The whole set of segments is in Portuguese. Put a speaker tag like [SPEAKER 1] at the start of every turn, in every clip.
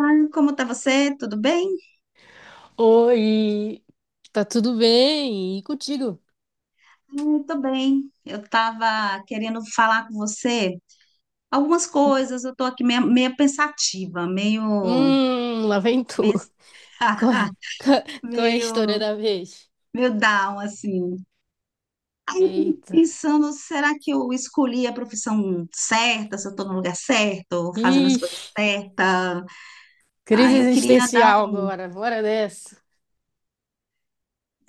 [SPEAKER 1] Ai, como tá você? Tudo bem?
[SPEAKER 2] Oi, tá tudo bem? E contigo?
[SPEAKER 1] Ai, tô bem. Eu estava querendo falar com você algumas coisas. Eu estou aqui meio pensativa,
[SPEAKER 2] Lá vem tu.
[SPEAKER 1] meio,
[SPEAKER 2] Qual é, qual é a história
[SPEAKER 1] meio,
[SPEAKER 2] da vez?
[SPEAKER 1] meio down, assim. Aí eu fico
[SPEAKER 2] Eita.
[SPEAKER 1] pensando, será que eu escolhi a profissão certa? Se eu estou no lugar certo, fazendo as coisas
[SPEAKER 2] Ixi,
[SPEAKER 1] certas?
[SPEAKER 2] crise
[SPEAKER 1] Aí eu queria dar
[SPEAKER 2] existencial
[SPEAKER 1] um.
[SPEAKER 2] agora, bora dessa.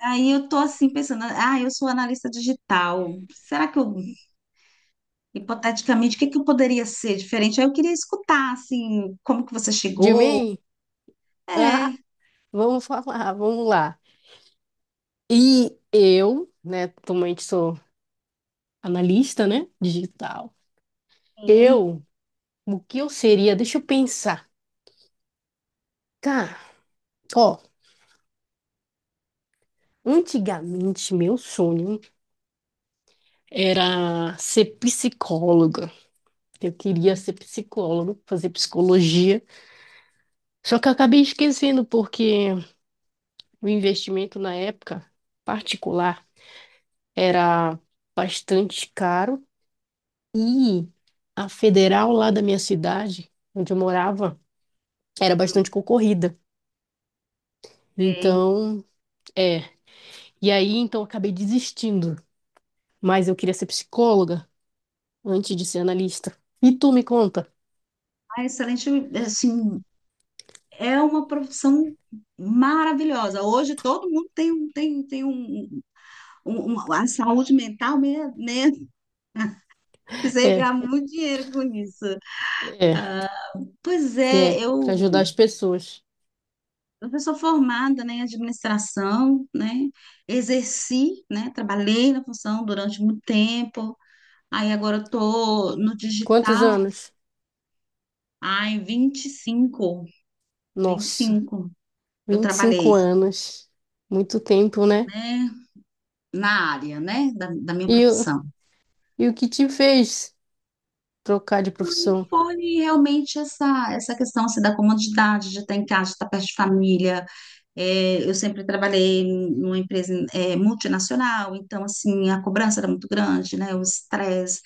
[SPEAKER 1] Aí eu estou assim pensando, ah, eu sou analista digital. Será que eu. Hipoteticamente, o que que eu poderia ser diferente? Aí eu queria escutar, assim, como que você
[SPEAKER 2] De
[SPEAKER 1] chegou.
[SPEAKER 2] mim? Ah,
[SPEAKER 1] É,
[SPEAKER 2] vamos falar, vamos lá. E eu, né, atualmente sou analista, né, digital.
[SPEAKER 1] sim,
[SPEAKER 2] Eu, o que eu seria? Deixa eu pensar. Cara, ó, antigamente meu sonho era ser psicólogo. Eu queria ser psicólogo, fazer psicologia. Só que eu acabei esquecendo, porque o investimento na época particular era bastante caro e a federal lá da minha cidade, onde eu morava, era bastante concorrida.
[SPEAKER 1] sei.
[SPEAKER 2] Então, é. E aí, então, eu acabei desistindo. Mas eu queria ser psicóloga antes de ser analista. E tu me conta?
[SPEAKER 1] Ah, excelente, assim, é uma profissão maravilhosa. Hoje todo mundo tem a saúde mental, né? Você
[SPEAKER 2] É,
[SPEAKER 1] ganha muito dinheiro com isso.
[SPEAKER 2] é,
[SPEAKER 1] Pois
[SPEAKER 2] é,
[SPEAKER 1] é,
[SPEAKER 2] para ajudar
[SPEAKER 1] eu,
[SPEAKER 2] as pessoas.
[SPEAKER 1] eu sou formada, né, em administração, né? Exerci, né? Trabalhei na função durante muito tempo. Aí agora eu tô no
[SPEAKER 2] Quantos
[SPEAKER 1] digital.
[SPEAKER 2] anos?
[SPEAKER 1] Ai, vinte e cinco, vinte e
[SPEAKER 2] Nossa.
[SPEAKER 1] cinco, eu
[SPEAKER 2] 25
[SPEAKER 1] trabalhei,
[SPEAKER 2] anos. Muito tempo, né?
[SPEAKER 1] né, na área, né, da minha
[SPEAKER 2] E, o-
[SPEAKER 1] profissão.
[SPEAKER 2] e o que te fez trocar de profissão?
[SPEAKER 1] Foi realmente essa, essa questão assim, da comodidade de estar em casa, de estar perto de família. É, eu sempre trabalhei numa empresa multinacional, então assim a cobrança era muito grande, né? O estresse,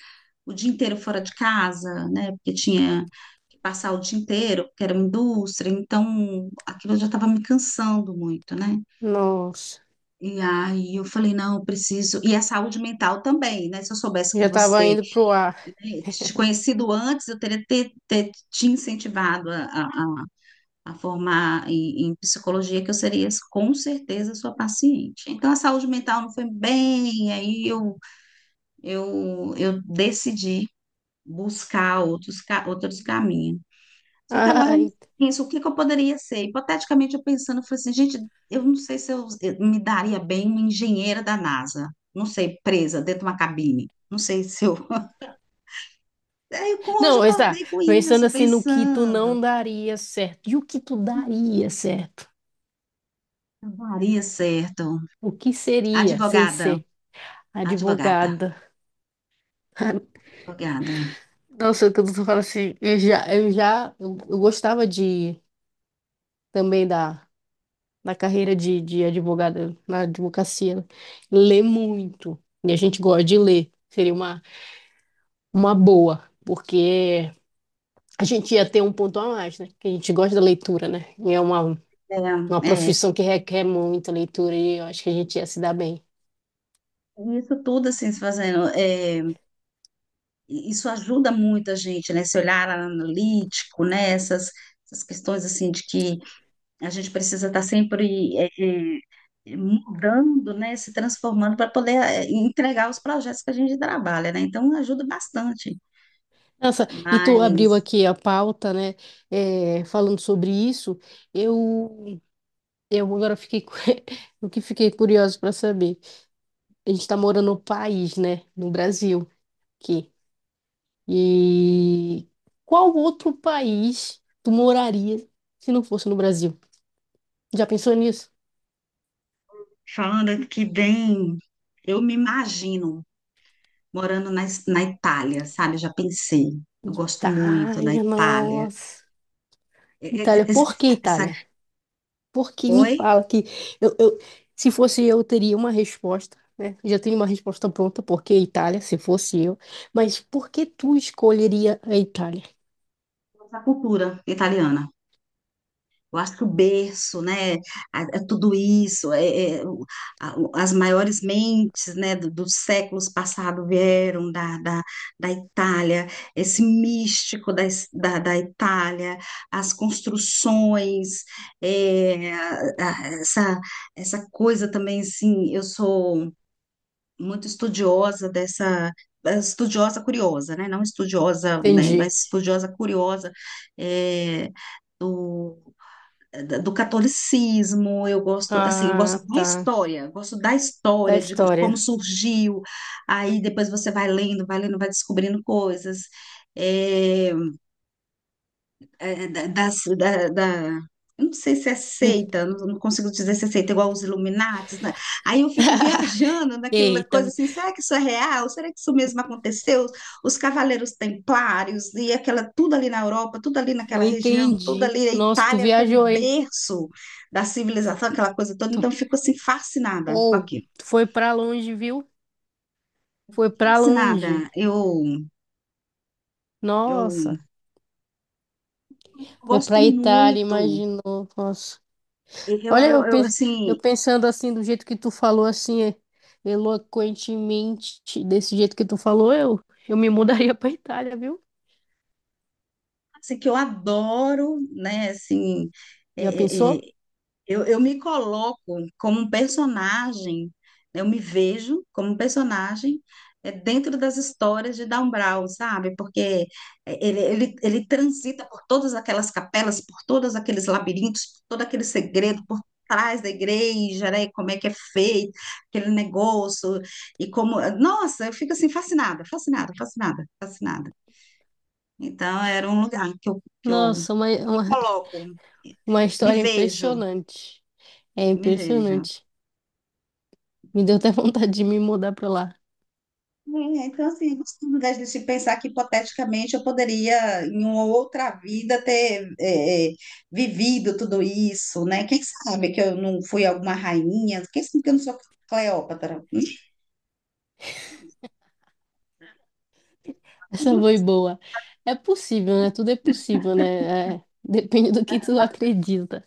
[SPEAKER 1] o dia inteiro fora de casa, né? Porque tinha que passar o dia inteiro, porque era uma indústria, então aquilo já estava me cansando muito, né?
[SPEAKER 2] Nossa,
[SPEAKER 1] E aí eu falei, não, eu preciso. E a saúde mental também, né? Se eu soubesse que
[SPEAKER 2] já tava
[SPEAKER 1] você,
[SPEAKER 2] indo pro ar.
[SPEAKER 1] né, te conhecido antes, eu teria ter, ter te incentivado a formar em psicologia, que eu seria com certeza sua paciente. Então, a saúde mental não foi bem, aí eu decidi buscar outros caminhos. Só que agora eu
[SPEAKER 2] Ai.
[SPEAKER 1] penso, o que que eu poderia ser? Hipoteticamente, eu pensando, eu falei assim, gente, eu não sei se eu me daria bem uma engenheira da NASA. Não sei, presa dentro de uma cabine. Não sei se eu. Hoje eu
[SPEAKER 2] Não, está.
[SPEAKER 1] acordei com
[SPEAKER 2] Pensando
[SPEAKER 1] isso,
[SPEAKER 2] assim no que tu não
[SPEAKER 1] pensando.
[SPEAKER 2] daria certo. E o que tu daria certo?
[SPEAKER 1] Não daria certo.
[SPEAKER 2] O que seria sem
[SPEAKER 1] Advogada,
[SPEAKER 2] ser
[SPEAKER 1] advogada,
[SPEAKER 2] advogada?
[SPEAKER 1] advogada.
[SPEAKER 2] Nossa, quando tu fala assim, eu gostava de também da carreira de advogada na advocacia, né? Ler muito. E a gente gosta de ler. Seria uma boa, porque a gente ia ter um ponto a mais, né? Que a gente gosta da leitura, né? E é
[SPEAKER 1] É,
[SPEAKER 2] uma
[SPEAKER 1] é,
[SPEAKER 2] profissão que requer muita leitura e eu acho que a gente ia se dar bem.
[SPEAKER 1] isso tudo assim se fazendo. É, isso ajuda muito a gente, né? Esse olhar analítico, né? Essas, essas questões assim de que a gente precisa estar sempre mudando, né? Se transformando para poder entregar os projetos que a gente trabalha, né? Então ajuda bastante.
[SPEAKER 2] Nossa, e tu abriu
[SPEAKER 1] Mas
[SPEAKER 2] aqui a pauta, né? É, falando sobre isso, eu, eu agora fiquei, o que fiquei curioso para saber. A gente está morando no país, né? No Brasil, aqui. E qual outro país tu moraria se não fosse no Brasil? Já pensou nisso?
[SPEAKER 1] falando aqui bem, eu me imagino morando na Itália, sabe? Já pensei. Eu gosto muito da
[SPEAKER 2] Itália,
[SPEAKER 1] Itália.
[SPEAKER 2] nossa.
[SPEAKER 1] E- e- e- Essa, essa-
[SPEAKER 2] Itália? Por que me
[SPEAKER 1] Oi?
[SPEAKER 2] fala que eu, eu- se fosse eu, teria uma resposta, né? Já tenho uma resposta pronta, por que Itália, se fosse eu. Mas por que tu escolheria a Itália?
[SPEAKER 1] Essa cultura italiana. Eu acho que o berço, né, é tudo isso, as maiores mentes, né, dos séculos passados vieram da Itália, esse místico da Itália, as construções, essa, essa coisa também, assim, eu sou muito estudiosa dessa, estudiosa curiosa, né, não estudiosa, né,
[SPEAKER 2] Entendi.
[SPEAKER 1] mas estudiosa curiosa, é, do catolicismo, eu gosto, assim, eu gosto
[SPEAKER 2] Ah,
[SPEAKER 1] da
[SPEAKER 2] tá.
[SPEAKER 1] história, eu gosto da
[SPEAKER 2] Da
[SPEAKER 1] história, de como
[SPEAKER 2] história.
[SPEAKER 1] surgiu, aí depois você vai lendo, vai lendo, vai descobrindo coisas. É, é, da, das- da, da- Eu não sei se é
[SPEAKER 2] En-
[SPEAKER 1] seita, não, não consigo dizer se é seita igual os Illuminatis, né? Aí eu fico viajando naquela
[SPEAKER 2] Eita,
[SPEAKER 1] coisa assim, será que isso é real? Será que isso mesmo aconteceu? Os Cavaleiros Templários e aquela tudo ali na Europa, tudo ali
[SPEAKER 2] eu
[SPEAKER 1] naquela região, tudo
[SPEAKER 2] entendi.
[SPEAKER 1] ali a
[SPEAKER 2] Nossa, tu
[SPEAKER 1] Itália como um
[SPEAKER 2] viajou, hein?
[SPEAKER 1] berço da
[SPEAKER 2] Fo-
[SPEAKER 1] civilização, aquela coisa toda.
[SPEAKER 2] Tu,
[SPEAKER 1] Então eu fico assim fascinada com
[SPEAKER 2] ou,
[SPEAKER 1] aquilo.
[SPEAKER 2] tu foi pra longe, viu? Foi pra longe.
[SPEAKER 1] Fascinada. Eu
[SPEAKER 2] Nossa,
[SPEAKER 1] eu
[SPEAKER 2] foi
[SPEAKER 1] gosto
[SPEAKER 2] pra Itália,
[SPEAKER 1] muito.
[SPEAKER 2] imaginou. Nossa.
[SPEAKER 1] Eu,
[SPEAKER 2] Olha,
[SPEAKER 1] eu, eu,
[SPEAKER 2] eu
[SPEAKER 1] assim,
[SPEAKER 2] pensando assim, do jeito que tu falou, assim, eloquentemente, desse jeito que tu falou, eu me mudaria pra Itália, viu?
[SPEAKER 1] assim, que eu adoro, né? Assim, é,
[SPEAKER 2] Já
[SPEAKER 1] é,
[SPEAKER 2] pensou?
[SPEAKER 1] é, eu me coloco como um personagem, né, eu me vejo como um personagem dentro das histórias de Dan Brown, sabe? Porque ele transita por todas aquelas capelas, por todos aqueles labirintos, por todo aquele segredo, por trás da igreja, né? E como é que é feito aquele negócio e como... Nossa, eu fico assim fascinada, fascinada, fascinada, fascinada. Então, era um lugar que que eu me
[SPEAKER 2] Nossa,
[SPEAKER 1] coloco,
[SPEAKER 2] uma
[SPEAKER 1] me
[SPEAKER 2] história
[SPEAKER 1] vejo,
[SPEAKER 2] impressionante. É
[SPEAKER 1] me vejo.
[SPEAKER 2] impressionante. Me deu até vontade de me mudar pra lá.
[SPEAKER 1] É, então, assim, eu gosto, ao invés de se pensar que hipoteticamente eu poderia, em uma outra vida, ter vivido tudo isso, né? Quem sabe que eu não fui alguma rainha? Quem sabe que eu não sou Cleópatra?
[SPEAKER 2] Essa foi boa. É possível, né? Tudo é possível, né? É, depende do que tu acredita.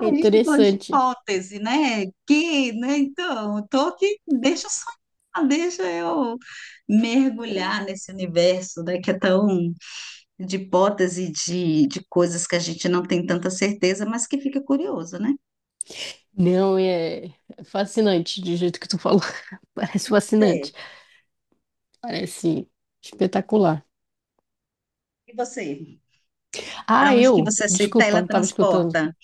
[SPEAKER 2] É
[SPEAKER 1] gente está falando de
[SPEAKER 2] interessante.
[SPEAKER 1] hipótese, né? Que, né? Então, eu tô aqui, deixa eu sonhar, deixa eu mergulhar nesse universo, né? Que é tão de hipótese de coisas que a gente não tem tanta certeza, mas que fica curioso, né?
[SPEAKER 2] Não, é fascinante, do jeito que tu falou. Parece fascinante.
[SPEAKER 1] Você,
[SPEAKER 2] Parece espetacular.
[SPEAKER 1] e você? Para
[SPEAKER 2] Ah,
[SPEAKER 1] onde que
[SPEAKER 2] eu,
[SPEAKER 1] você se
[SPEAKER 2] desculpa, não estava escutando.
[SPEAKER 1] teletransporta?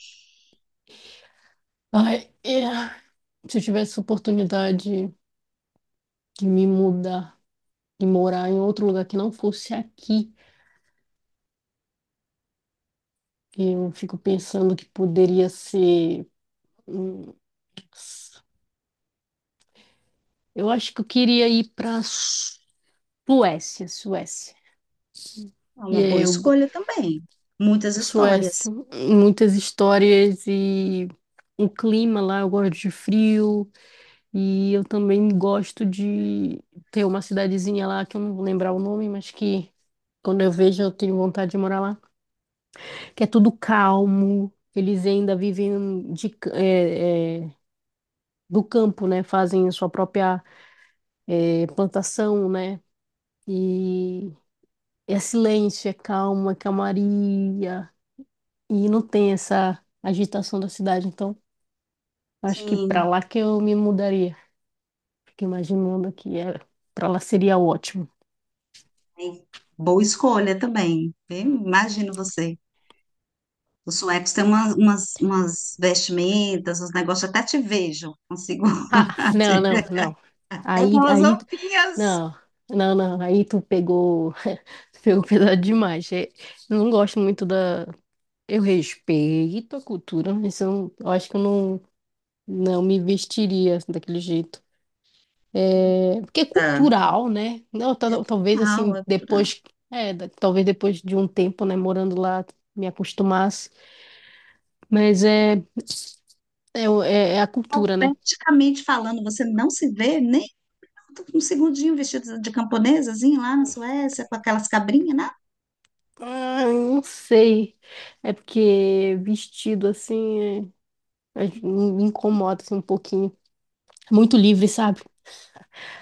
[SPEAKER 2] Ai, é. Se eu tivesse oportunidade de me mudar e morar em outro lugar que não fosse aqui, eu fico pensando que poderia ser. Hum, eu acho que eu queria ir para Suécia, Suécia.
[SPEAKER 1] É
[SPEAKER 2] E
[SPEAKER 1] uma
[SPEAKER 2] aí
[SPEAKER 1] boa
[SPEAKER 2] eu,
[SPEAKER 1] escolha também. Muitas
[SPEAKER 2] Suécia,
[SPEAKER 1] histórias.
[SPEAKER 2] muitas histórias e o clima lá, eu gosto de frio. E eu também gosto de ter uma cidadezinha lá que eu não vou lembrar o nome, mas que quando eu vejo eu tenho vontade de morar lá. Que é tudo calmo, eles ainda vivem de, ca- é, é, do campo, né? Fazem sua própria é, plantação, né? E é silêncio, é calma, é calmaria. E não tem essa agitação da cidade. Então, acho que para
[SPEAKER 1] Sim,
[SPEAKER 2] lá que eu me mudaria. Fico imaginando que é, para lá seria ótimo.
[SPEAKER 1] sim. Boa escolha também. Eu imagino você. Os suecos têm umas vestimentas, uns negócios, até te vejo, consigo
[SPEAKER 2] Ah, não,
[SPEAKER 1] te
[SPEAKER 2] não,
[SPEAKER 1] ver.
[SPEAKER 2] não.
[SPEAKER 1] Até
[SPEAKER 2] Aí,
[SPEAKER 1] umas
[SPEAKER 2] aí,
[SPEAKER 1] roupinhas.
[SPEAKER 2] não, não, não. Aí tu pegou, tu pegou pesado demais. É, eu não gosto muito da. Eu respeito a cultura, mas eu, eu acho que eu não, não me vestiria assim, daquele jeito. É, porque é
[SPEAKER 1] Tá.
[SPEAKER 2] cultural, né? Não,
[SPEAKER 1] É
[SPEAKER 2] talvez
[SPEAKER 1] cultural,
[SPEAKER 2] assim,
[SPEAKER 1] é cultural.
[SPEAKER 2] depois, talvez depois de um tempo, né, morando lá, me acostumasse. Mas é a cultura, né?
[SPEAKER 1] Esteticamente falando, você não se vê nem um segundinho vestido de camponesazinho lá na Suécia, com aquelas cabrinhas, né?
[SPEAKER 2] Ah, eu não sei. É porque vestido assim me incomoda assim, um pouquinho. Muito livre, sabe?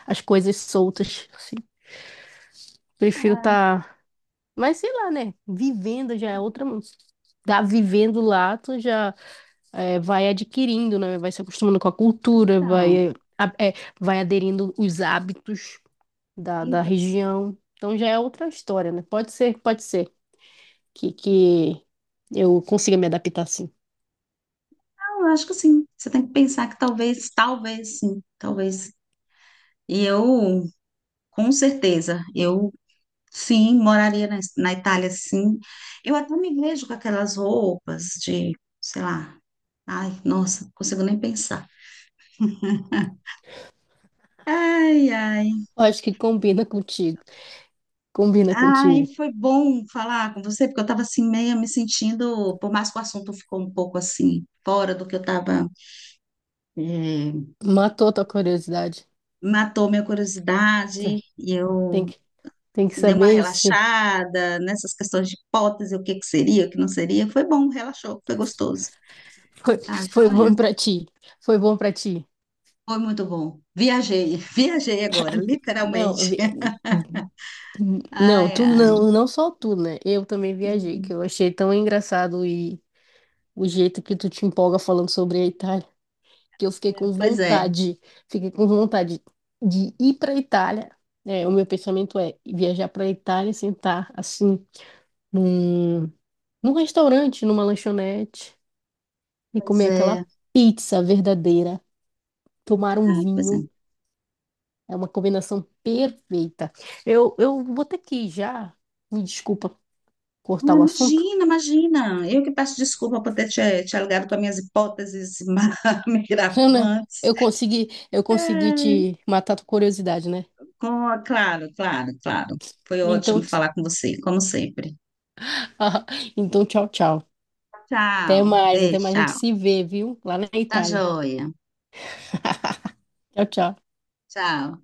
[SPEAKER 2] As coisas soltas, assim. Prefiro
[SPEAKER 1] Ah,
[SPEAKER 2] estar. Mas sei lá, né? Vivendo já é outra. Tá vivendo lá, tu já é, vai adquirindo, né? Vai se acostumando com a cultura, vai,
[SPEAKER 1] então,
[SPEAKER 2] a- é, vai aderindo os hábitos da
[SPEAKER 1] então,
[SPEAKER 2] região. Então já é outra história, né? Pode ser que eu consiga me adaptar assim.
[SPEAKER 1] eu acho que sim. Você tem que pensar que talvez, talvez sim, talvez. E eu, com certeza, eu. Sim, moraria na Itália, sim. Eu até me vejo com aquelas roupas de, sei lá. Ai, nossa, não consigo nem pensar. Ai, ai.
[SPEAKER 2] Eu acho que combina contigo. Combina
[SPEAKER 1] Ai,
[SPEAKER 2] contigo.
[SPEAKER 1] foi bom falar com você, porque eu estava assim, meio me sentindo, por mais que o assunto ficou um pouco assim, fora do que eu estava,
[SPEAKER 2] Matou tua curiosidade.
[SPEAKER 1] matou minha curiosidade,
[SPEAKER 2] Tá,
[SPEAKER 1] e
[SPEAKER 2] Tem
[SPEAKER 1] eu
[SPEAKER 2] que, tem que
[SPEAKER 1] assim, dei uma
[SPEAKER 2] saber se
[SPEAKER 1] relaxada nessas questões de hipótese, o que que seria, o que não seria. Foi bom, relaxou, foi gostoso.
[SPEAKER 2] foi,
[SPEAKER 1] Tá,
[SPEAKER 2] foi bom
[SPEAKER 1] joia?
[SPEAKER 2] pra ti. Foi bom pra ti.
[SPEAKER 1] Foi muito bom. Viajei, viajei agora,
[SPEAKER 2] Não, eu
[SPEAKER 1] literalmente.
[SPEAKER 2] vi- não,
[SPEAKER 1] Ai,
[SPEAKER 2] tu
[SPEAKER 1] ai.
[SPEAKER 2] não, não só tu, né? Eu também viajei, que
[SPEAKER 1] Uhum.
[SPEAKER 2] eu achei tão engraçado e o jeito que tu te empolga falando sobre a Itália, que eu
[SPEAKER 1] É, pois é,
[SPEAKER 2] fiquei com vontade de ir pra Itália. É, o meu pensamento é viajar pra Itália, sentar assim num num restaurante, numa lanchonete, e
[SPEAKER 1] pois
[SPEAKER 2] comer aquela
[SPEAKER 1] é.
[SPEAKER 2] pizza verdadeira, tomar um
[SPEAKER 1] Ai, pois é.
[SPEAKER 2] vinho. É uma combinação perfeita. Eu vou ter que ir já. Me desculpa
[SPEAKER 1] Ah,
[SPEAKER 2] cortar o assunto,
[SPEAKER 1] imagina, imagina. Eu que peço desculpa por ter te alugado com as minhas hipóteses
[SPEAKER 2] né?
[SPEAKER 1] mirabolantes.
[SPEAKER 2] Eu consegui
[SPEAKER 1] Ai,
[SPEAKER 2] te matar a tua curiosidade, né?
[SPEAKER 1] Claro, claro, claro. Foi
[SPEAKER 2] Então,
[SPEAKER 1] ótimo
[SPEAKER 2] t-
[SPEAKER 1] falar com você, como sempre.
[SPEAKER 2] então tchau, tchau.
[SPEAKER 1] Tchau, beijo,
[SPEAKER 2] Até mais a gente
[SPEAKER 1] tchau.
[SPEAKER 2] se vê, viu? Lá na
[SPEAKER 1] Tá
[SPEAKER 2] Itália.
[SPEAKER 1] joia.
[SPEAKER 2] Tchau, tchau.
[SPEAKER 1] Tchau.